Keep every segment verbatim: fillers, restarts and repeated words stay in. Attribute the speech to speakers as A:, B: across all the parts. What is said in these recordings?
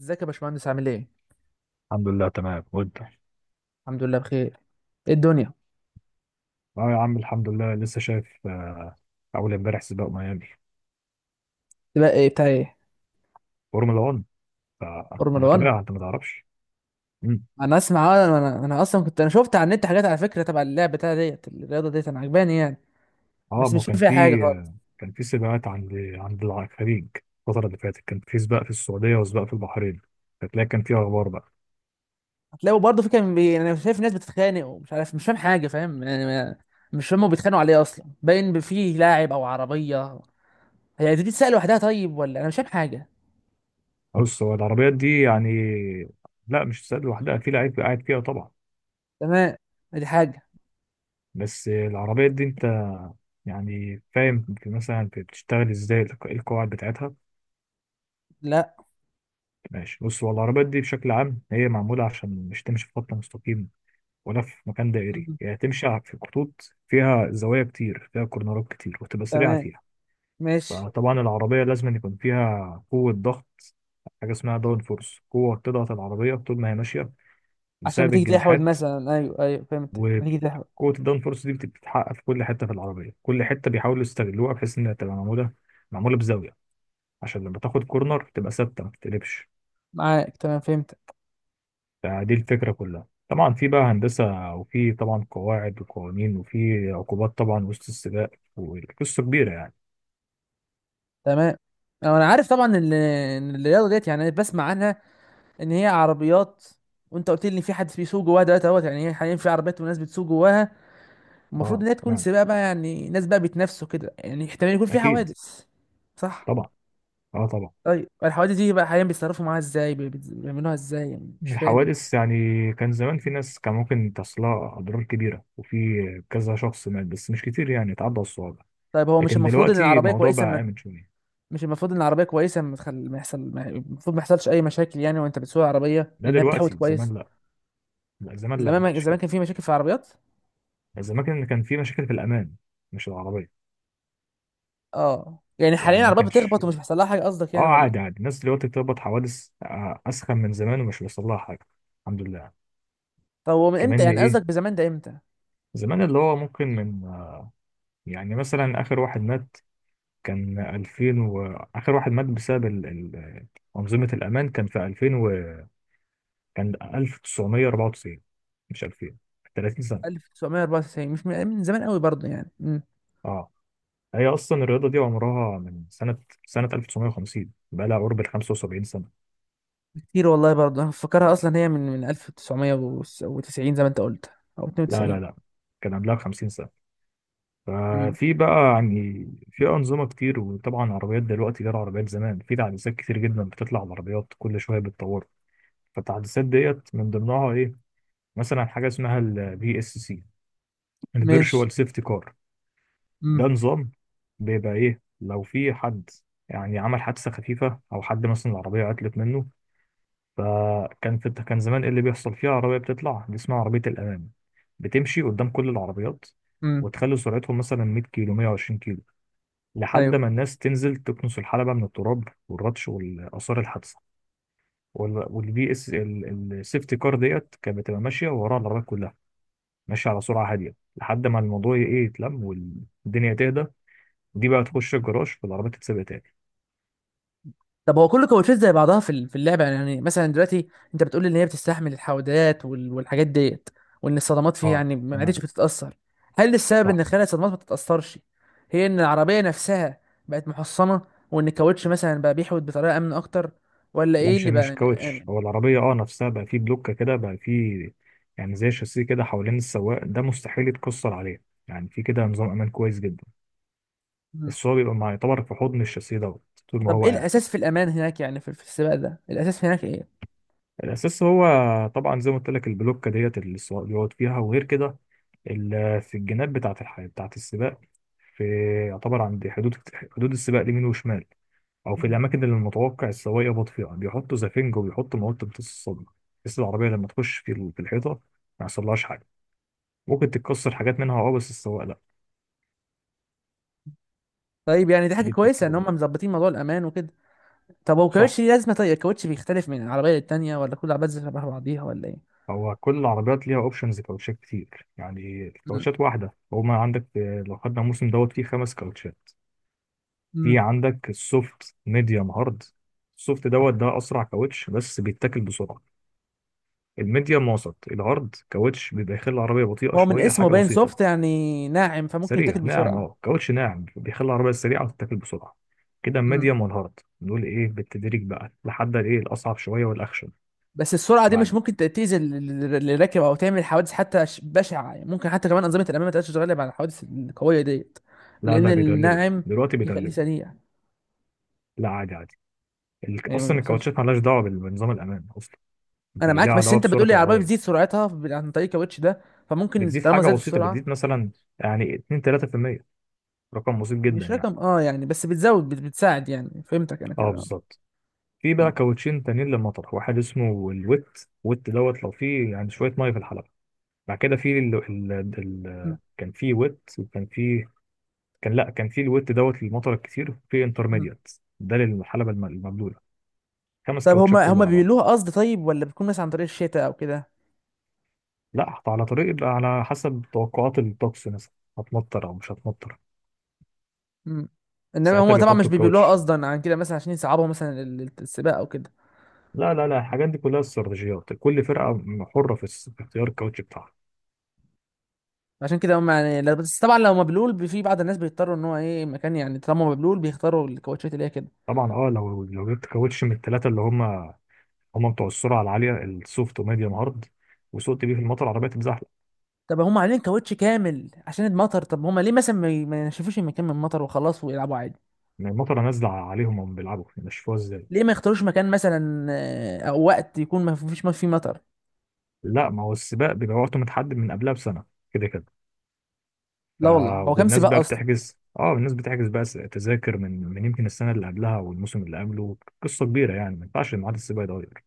A: ازيك يا باشمهندس؟ عامل ايه؟
B: الحمد لله تمام وانت.
A: الحمد لله بخير. ايه الدنيا؟
B: اه يا عم الحمد لله لسه شايف آه، اول امبارح سباق ميامي،
A: تبقى ايه بتاع ايه؟
B: فورمولا واحد.
A: فورمولا
B: فانا
A: واحد.
B: بتابعها، انت ما تعرفش. مم.
A: انا اسمع اه، انا انا انا اصلا كنت انا شفت على النت حاجات على فكره تبع اللعبه بتاع ديت الرياضه ديت انا عجباني يعني.
B: اه
A: بس
B: ما
A: مش فاهم
B: كان
A: فيها
B: في
A: حاجه خالص.
B: كان في سباقات عند عند الخليج، الفتره اللي فاتت كان في سباق في السعوديه وسباق في البحرين، فتلاقي كان في اخبار بقى.
A: هتلاقوا برضه في كان بي... انا شايف ناس بتتخانق ومش عارف مش فاهم حاجه فاهم يعني ما- مش فاهم هما بيتخانقوا عليه اصلا باين فيه لاعب او عربيه. هي دي تتسال لوحدها طيب؟ ولا انا مش فاهم حاجه؟
B: بص، هو العربيات دي يعني لا، مش سباق لوحدها، في لعيب قاعد فيها طبعا.
A: تمام. ادي حاجه.
B: بس العربيات دي انت يعني فاهم في مثلا بتشتغل ازاي، القواعد بتاعتها؟
A: لا.
B: ماشي، بص، هو العربيات دي بشكل عام هي معمولة عشان مش تمشي في خط مستقيم ولا في مكان دائري،
A: مم.
B: هي تمشي ع- في خطوط فيها زوايا كتير، فيها كورنرات كتير، وتبقى سريعة
A: تمام.
B: فيها.
A: ماشي.
B: فطبعا العربية لازم يكون فيها قوة ضغط، حاجة اسمها داون فورس، قوة بتضغط العربية طول ما هي ماشية،
A: عشان ما
B: بسبب
A: تيجي تحود
B: الجناحات.
A: مثلا، ايوه ايوه، فهمتك، ما تيجي تحود.
B: وقوة الداون فورس دي بتتحقق في كل حتة في العربية، كل حتة بيحاولوا يستغلوها بحيث إنها تبقى معمولة معمولة بزاوية، عشان لما تاخد كورنر تبقى ثابتة ما تتقلبش.
A: معاك، تمام، فهمت.
B: فدي الفكرة كلها. طبعا في بقى هندسة، وفي طبعا قواعد وقوانين، وفي عقوبات طبعا وسط السباق، والقصة كبيرة يعني.
A: تمام. آه، انا عارف طبعا ان إن الرياضه ديت يعني أنا بسمع عنها. ان هي عربيات، وانت قلت لي ان في حد بيسوق جواها دلوقتي اهوت، يعني هي حاليا في عربيات وناس بتسوق جواها. المفروض
B: اه
A: ان هي تكون
B: تمام،
A: سباق بقى، يعني ناس بقى بيتنافسوا كده، يعني احتمال يكون في
B: أكيد،
A: حوادث. صح.
B: طبعا، اه طبعا.
A: طيب الحوادث دي بقى حاليا بيتصرفوا معاها ازاي؟ بي- بي- بيعملوها ازاي يعني؟ مش فاهم.
B: الحوادث يعني كان زمان في ناس كان ممكن تصلها أضرار كبيرة، وفي كذا شخص مات، بس مش كتير، يعني اتعدى الصعوبة.
A: طيب هو مش
B: لكن
A: المفروض ان
B: دلوقتي
A: العربيه
B: الموضوع
A: كويسه
B: بقى
A: ما...
B: آمن شوية.
A: مش المفروض ان العربيه كويسه ما تخل... ما يحصل ما... المفروض ما يحصلش اي مشاكل يعني وانت بتسوق العربيه
B: ده
A: لانها بتحوط
B: دلوقتي،
A: كويس؟
B: زمان لا، لا زمان لا،
A: زمان
B: ما
A: ما...
B: كانش
A: زمان
B: كده.
A: كان في مشاكل في العربيات.
B: زمان كان كان في مشاكل في الأمان، مش العربية.
A: اه يعني حاليا
B: يعني ما
A: العربية
B: كانش،
A: بتخبط ومش بيحصل لها حاجة قصدك
B: اه
A: يعني، ولا
B: عادي
A: ايه؟
B: عادي، الناس دلوقتي بتربط حوادث آه، اسخن من زمان ومش بيحصل لها حاجه، الحمد لله.
A: طب هو من امتى
B: كمان
A: يعني
B: ايه،
A: قصدك بزمان ده امتى؟
B: زمان اللي هو ممكن من آه، يعني مثلا اخر واحد مات كان ألفين وواحد، واخر واحد مات بسبب ال... ال... انظمه الامان كان في ألفين، وكان ألف وتسعمية اربعة وتسعين مش ألفين، تلاتين سنه.
A: ألف وتسعمية اربعة وتسعين مش من, من زمان قوي برضه يعني. مم.
B: اه، هي اصلا الرياضه دي عمرها من سنه سنه ألف وتسعمية وخمسين، بقى لها قرب ال خمسة وسبعين سنه.
A: كتير والله برضه. انا فاكرها اصلا هي من من ألف وتسعمية وتسعين زي ما انت قلت، او
B: لا
A: اتنين وتسعين.
B: لا لا، كان قبلها خمسين سنه.
A: مم.
B: ففي بقى يعني في أنظمة كتير، وطبعا عربيات دلوقتي غير عربيات زمان، في تحديثات كتير جدا بتطلع على العربيات كل شوية، بتطور. فالتحديثات ديت من ضمنها إيه، مثلا حاجة اسمها الفي اس سي،
A: ماشي.
B: الفيرتشوال سيفتي كار.
A: مم.
B: ده نظام بيبقى إيه، لو في حد يعني عمل حادثة خفيفة أو حد مثلا العربية عطلت منه. فكان في، كان زمان إيه اللي بيحصل فيها، عربية بتطلع دي اسمها عربية الأمان، بتمشي قدام كل العربيات
A: مم.
B: وتخلي سرعتهم مثلا مية كيلو، مية وعشرين كيلو، لحد
A: ايوه.
B: ما الناس تنزل تكنس الحلبة من التراب والردش والآثار الحادثة. وال- والبي اس السيفتي كار ديت كانت بتبقى ماشية وراها العربيات كلها، ماشية على سرعة هادية لحد ما الموضوع ي- ايه يتلم والدنيا تهدى، دي بقى تخش الجراج والعربية تتسابق تاني.
A: طب هو كل الكوتشات زي بعضها في ال- في اللعبه يعني يعني مثلا دلوقتي انت بتقول لي ان هي بتستحمل الحودات وال- والحاجات ديت، وان الصدمات فيها
B: اه
A: يعني ما عادتش
B: تمام،
A: بتتاثر. هل السبب
B: صح.
A: ان خلال الصدمات ما تتاثرش هي ان العربيه نفسها بقت محصنه، وان الكاوتش مثلا بقى بيحود بطريقه امن اكتر؟ ولا
B: لا،
A: ايه
B: مش
A: اللي بقى؟
B: مش كاوتش،
A: امن.
B: هو العربية اه نفسها بقى فيه بلوكة كده بقى فيه، يعني زي شاسيه كده حوالين السواق، ده مستحيل يتكسر عليه. يعني في كده نظام امان كويس جدا،
A: مم.
B: بس هو بيبقى مع- يعتبر في حضن الشاسيه دوت طول ما
A: طب
B: هو
A: ايه
B: قاعد.
A: الاساس في الامان هناك؟ يعني في في السباق ده الاساس هناك ايه؟
B: الاساس هو طبعا زي ما قلت لك، البلوكه ديت اللي السواق بيقعد فيها، وغير كده ال- آه، في الجناب بتاعه الحياه بتاعه السباق، في، يعتبر عند حدود حدود السباق اليمين وشمال، او في
A: مم.
B: الاماكن اللي المتوقع السواق يخبط فيها بيحطوا زفنج وبيحطوا مواد تمتص الصدمه، بحيث العربيه لما تخش في ال- في الحيطه ما يحصلهاش حاجه. ممكن تتكسر حاجات منها اه، بس السواق لا.
A: طيب، يعني دي حاجه
B: دي الفكره
A: كويسه ان
B: كلها.
A: هم مظبطين موضوع الامان وكده. طب هو
B: صح،
A: الكاوتش ليه لازمه؟ طيب الكاوتش بيختلف من العربيه للتانيه، ولا كل العربيات زي شبه بعضيها ولا ايه؟
B: هو كل العربيات ليها اوبشنز كاوتشات كتير، يعني الكاوتشات واحده هو ما عندك آه، لو خدنا الموسم دوت فيه خمس كاوتشات. في
A: مم.
B: عندك السوفت، ميديوم، هارد. السوفت دوت ده اسرع كاوتش بس بيتاكل بسرعه. الميديوم وسط. الهارد كاوتش بيبقى يخلي العربيه بطيئه
A: هو من
B: شويه
A: اسمه
B: حاجه
A: باين
B: بسيطه.
A: سوفت يعني ناعم، فممكن يتاكل
B: سريع ناعم،
A: بسرعه.
B: اه كاوتش ناعم بيخلي العربيه سريعه وتتاكل بسرعه. كده
A: مم.
B: الميديوم والهارد نقول ايه، بالتدريج بقى لحد الايه الاصعب شويه والاخشن.
A: بس السرعه دي مش
B: بعد،
A: ممكن ت- تأذي ال- ال- اللي راكب او تعمل حوادث حتى ش- بشعه؟ يعني ممكن حتى كمان انظمه الامام ما تقدرش تتغلب على الحوادث القويه ديت؟
B: لا
A: لان
B: لا، بيدربوا
A: الناعم
B: دلوقتي
A: بيخليه
B: بيدربوا
A: سريع،
B: لا عادي عادي، ال-
A: يعني ما
B: اصلا
A: بيحصلش.
B: الكاوتشات مالهاش دعوه بال- بنظام الامان اصلا،
A: انا
B: دي
A: معاك،
B: ليها
A: بس
B: دعوه
A: انت
B: بسرعه
A: بتقول لي العربيه
B: العربيه.
A: بتزيد سرعتها ب- عن طريق الكاوتش ده، فممكن
B: بتزيد
A: طالما
B: حاجه
A: زادت
B: بسيطه،
A: السرعه.
B: بتزيد مثلا يعني اتنين تلاتة في المية، رقم بسيط جدا
A: مش
B: يعني.
A: رقم، اه يعني، بس بتزود بت- بتساعد، يعني فهمتك انا
B: اه
A: كده. اه.
B: بالظبط. في
A: مم.
B: بقى كاوتشين تانيين للمطر، واحد اسمه الويت. ويت دوت لو فيه يعني شويه ميه في الحلبه. بعد كده في ال... ال... ال...
A: مم.
B: كان في ويت، وكان في، كان لا، كان في الويت دوت للمطر الكتير، في
A: مم.
B: انترميديات ده للحلبه الم- المبلوله. خمس
A: طب
B: كاوتشات
A: هما
B: كله
A: هما
B: على بعضه.
A: بيقولوها قصد طيب، ولا بتكون مثلا عن طريق الشتاء او كده؟
B: لا، حط على طريق يبقى على حسب توقعات الطقس مثلا، هتمطر او مش هتمطر
A: مم. انما
B: ساعتها
A: هم طبعا مش
B: بيحطوا
A: بيبيلوها
B: الكاوتش.
A: قصدا عن كده مثلا عشان يصعبوا مثلا ال- ال- السباق او كده.
B: لا لا لا، الحاجات دي كلها استراتيجيات، كل فرقه حره في اس- في اختيار الكاوتش بتاعها.
A: عشان كده هم يعني لا- بس طبعا لو مبلول بي- في بعض الناس بيضطروا ان هو ايه مكان، يعني طالما مبلول بيختاروا الكاوتشات اللي هي كده.
B: طبعا اه، لو لو جبت كاوتش من الثلاثه اللي هم، هم بتوع السرعه العاليه السوفت وميديوم هارد، وسقت بيه في المطر العربيه تتزحلق.
A: طب هم عاملين كاوتش كامل عشان المطر، طب هم ليه مثلا ما ي- ما ينشفوش المكان من المطر وخلاص ويلعبوا عادي؟
B: يعني المطره نازله عليهم وهم بيلعبوا، نشفوها ازاي؟
A: ليه ما يختاروش مكان مثلا، آه، او وقت يكون ما فيش ما فيه مطر؟
B: لا، ما هو السباق بيبقى وقته متحدد من قبلها بسنه، كده كده. ف،
A: لا والله، هو كام
B: والناس
A: سباق
B: بقى
A: اصلا؟
B: بتحجز، اه الناس بتحجز بقى س- تذاكر من من يمكن السنه اللي قبلها والموسم اللي قبله، قصه كبيره يعني ما ينفعش ميعاد السباق يتغير.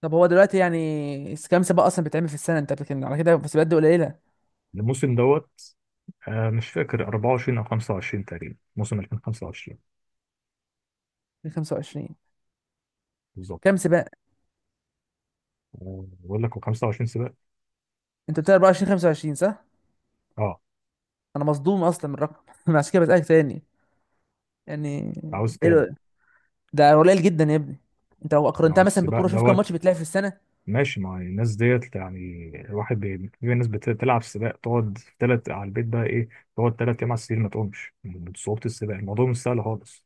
A: طب هو دلوقتي يعني س- كام سباق اصلا بيتعمل في السنه؟ انت بتتكلم على كده في سباقات دي قليله.
B: الموسم دوت آه مش فاكر، اربعة وعشرين او خمسة وعشرين تقريبا، موسم ألفين وخمسة وعشرين
A: خمسة وعشرين
B: بالظبط.
A: كام سباق؟
B: آه، بقول لك هو خمسة وعشرين سباق.
A: انت بتقول اربعة وعشرين خمسه وعشرون صح؟
B: اه،
A: انا مصدوم اصلا من الرقم عشان كده بسالك تاني يعني.
B: عاوز
A: ايه
B: كام؟
A: ده؟ ده قليل جدا يا ابني. انت لو
B: ما هو
A: قارنتها مثلا
B: السباق
A: بالكوره شوف كم
B: دوت
A: ماتش بتلعب في السنه.
B: ماشي، ما هو الناس ديت يعني الواحد بي... في ناس بتلعب سباق تقعد في تلات على البيت بقى ايه، تقعد تلات ايام على السرير ما تقومش من صعوبة السباق، الموضوع مش سهل خالص.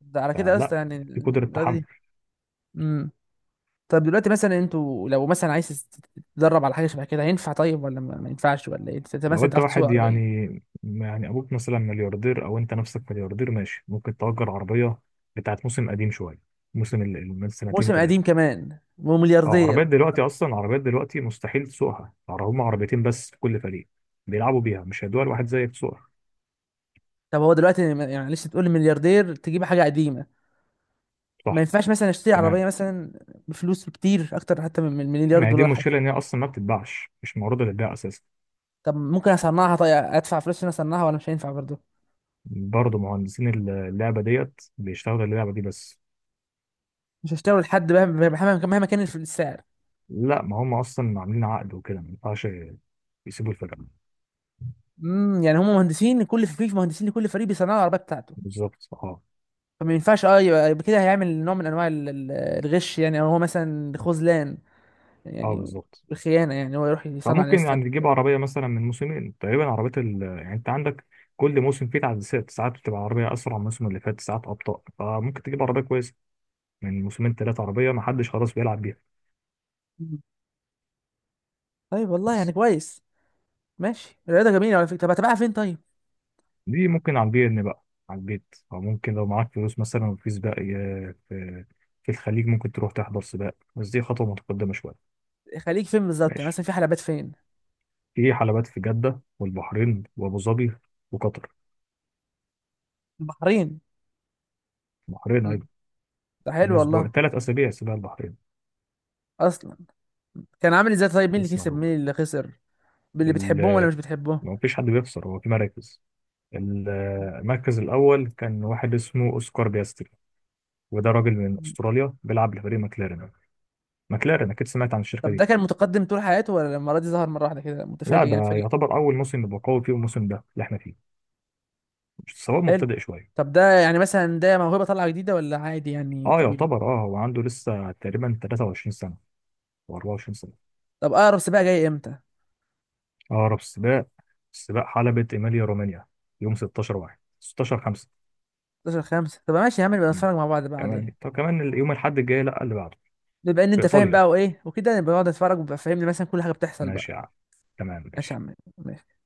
A: ده على كده يا
B: فلا،
A: اسطى يعني
B: في قدرة
A: الرياضه
B: تحمل.
A: دي. امم. طب دلوقتي مثلا انتوا لو مثلا عايز تت- تتدرب على حاجه شبه كده هينفع طيب، ولا ما ما ينفعش ولا ايه؟ انت
B: لو
A: مثلا
B: انت
A: تعرف تسوق
B: واحد
A: عربيه؟
B: يعني، يعني ابوك مثلا ملياردير او انت نفسك ملياردير، ماشي ممكن تأجر عربية بتاعت موسم قديم شوية، موسم ال- ال- من سنتين
A: موسم قديم
B: ثلاثة.
A: كمان
B: اه،
A: وملياردير؟
B: عربيات دلوقتي اصلا، عربيات دلوقتي مستحيل تسوقها، يعني هم عربيتين بس في كل فريق بيلعبوا بيها، مش هيدوها لواحد زيك تسوقها.
A: طب هو دلوقتي ما- يعني معلش تقول لي ملياردير تجيب حاجه قديمه؟ ما
B: صح،
A: ينفعش مثلا اشتري
B: تمام.
A: عربيه مثلا بفلوس كتير اكتر حتى من من المليار
B: ما هي دي
A: دولار؟
B: المشكله، ان هي اصلا ما بتتباعش، مش معروضه للبيع اساسا.
A: طب ممكن اصنعها؟ طيب ادفع فلوس عشان اصنعها ولا مش هينفع برضه؟
B: برضه مهندسين اللعبه ديت بيشتغلوا اللعبه دي بس.
A: مش هشتغل لحد؟ مهما مهما مهما كان الف- السعر.
B: لا ما هم اصلا عاملين عقد وكده، ما ينفعش يسيبوا الفرقه.
A: امم يعني هم مهندسين كل فريق؟ مهندسين لكل فريق بيصنعوا العربيه بتاعته؟
B: بالظبط اه.
A: فما ينفعش اه يبقى يبقى كده هيعمل نوع من انواع ال- ال- الغش يعني، او هو مثلا خذلان
B: اه
A: يعني،
B: بالظبط.
A: الخيانه يعني، هو يروح يصنع
B: فممكن
A: لناس تانية
B: يعني تجيب
A: كده.
B: عربيه مثلا من موسمين تقريبا، عربيه ال... يعني انت عندك كل موسم فيه تعديلات، ساعات بتبقى عربيه اسرع من الموسم اللي فات، ساعات ابطا، فممكن تجيب عربيه كويسه من موسمين ثلاثه، عربيه ما حدش خلاص بيلعب بيها.
A: مم. طيب والله، يعني
B: بس
A: كويس. ماشي. الرياضه جميله على فكره. طب هتبقى فين طيب؟
B: دي ممكن على البي ان بقى، على البيت. او ممكن لو معاك فلوس مثلا، وفي سباق ي- في في الخليج، ممكن تروح تحضر سباق، بس دي خطوه متقدمه شويه.
A: خليك فين بالظبط يعني،
B: ماشي،
A: مثلا في حلبات فين؟
B: في حلبات في جده والبحرين وابو ظبي وقطر.
A: البحرين.
B: البحرين
A: مم.
B: ايضا.
A: ده حلو
B: من
A: والله.
B: اسبوع ثلاث اسابيع سباق البحرين.
A: اصلا كان عامل ازاي طيب؟ مين اللي
B: لسه
A: كسب
B: معلوم.
A: مين اللي خسر؟ اللي بتحبهم ولا
B: ال-
A: مش بتحبهم؟
B: ما فيش حد بيخسر، هو في مراكز. ال- المركز الاول كان واحد اسمه اوسكار بياستري، وده راجل من استراليا بيلعب لفريق ماكلارين. ماكلارين اكيد سمعت عن الشركه
A: طب ده
B: دي.
A: كان متقدم طول حياته، ولا المرة دي ظهر مرة واحدة كده؟
B: لا،
A: متفاجئ
B: ده
A: يعني فجأة.
B: يعتبر اول موسم يبقى قوي فيه، الموسم ده اللي احنا فيه، سواء
A: حلو.
B: مبتدئ شويه.
A: طب ده يعني مثلا ده موهبة طالعة جديدة، ولا عادي يعني
B: اه
A: طبيعي؟
B: يعتبر، اه هو عنده لسه تقريبا تلاتة وعشرين سنه او اربعة وعشرين سنه.
A: طب أقرب سباق جاي إمتى؟
B: اقرب سباق، سباق حلبة ايميليا رومانيا، يوم ستاشر، واحد ستاشر خمسة.
A: حداشر خمسه؟ طب ماشي يا عم، نبقى نتفرج مع بعض بقى
B: كمان،
A: عليه.
B: طب كمان يوم الاحد الجاي، لا اللي بعده،
A: بما إن
B: في
A: أنت فاهم
B: ايطاليا.
A: بقى وإيه وكده، نبقى نقعد نتفرج وبقى فاهمني مثلا كل حاجة بتحصل بقى.
B: ماشي يا عم، تمام
A: ماشي يا
B: ماشي.
A: عم، ماشي.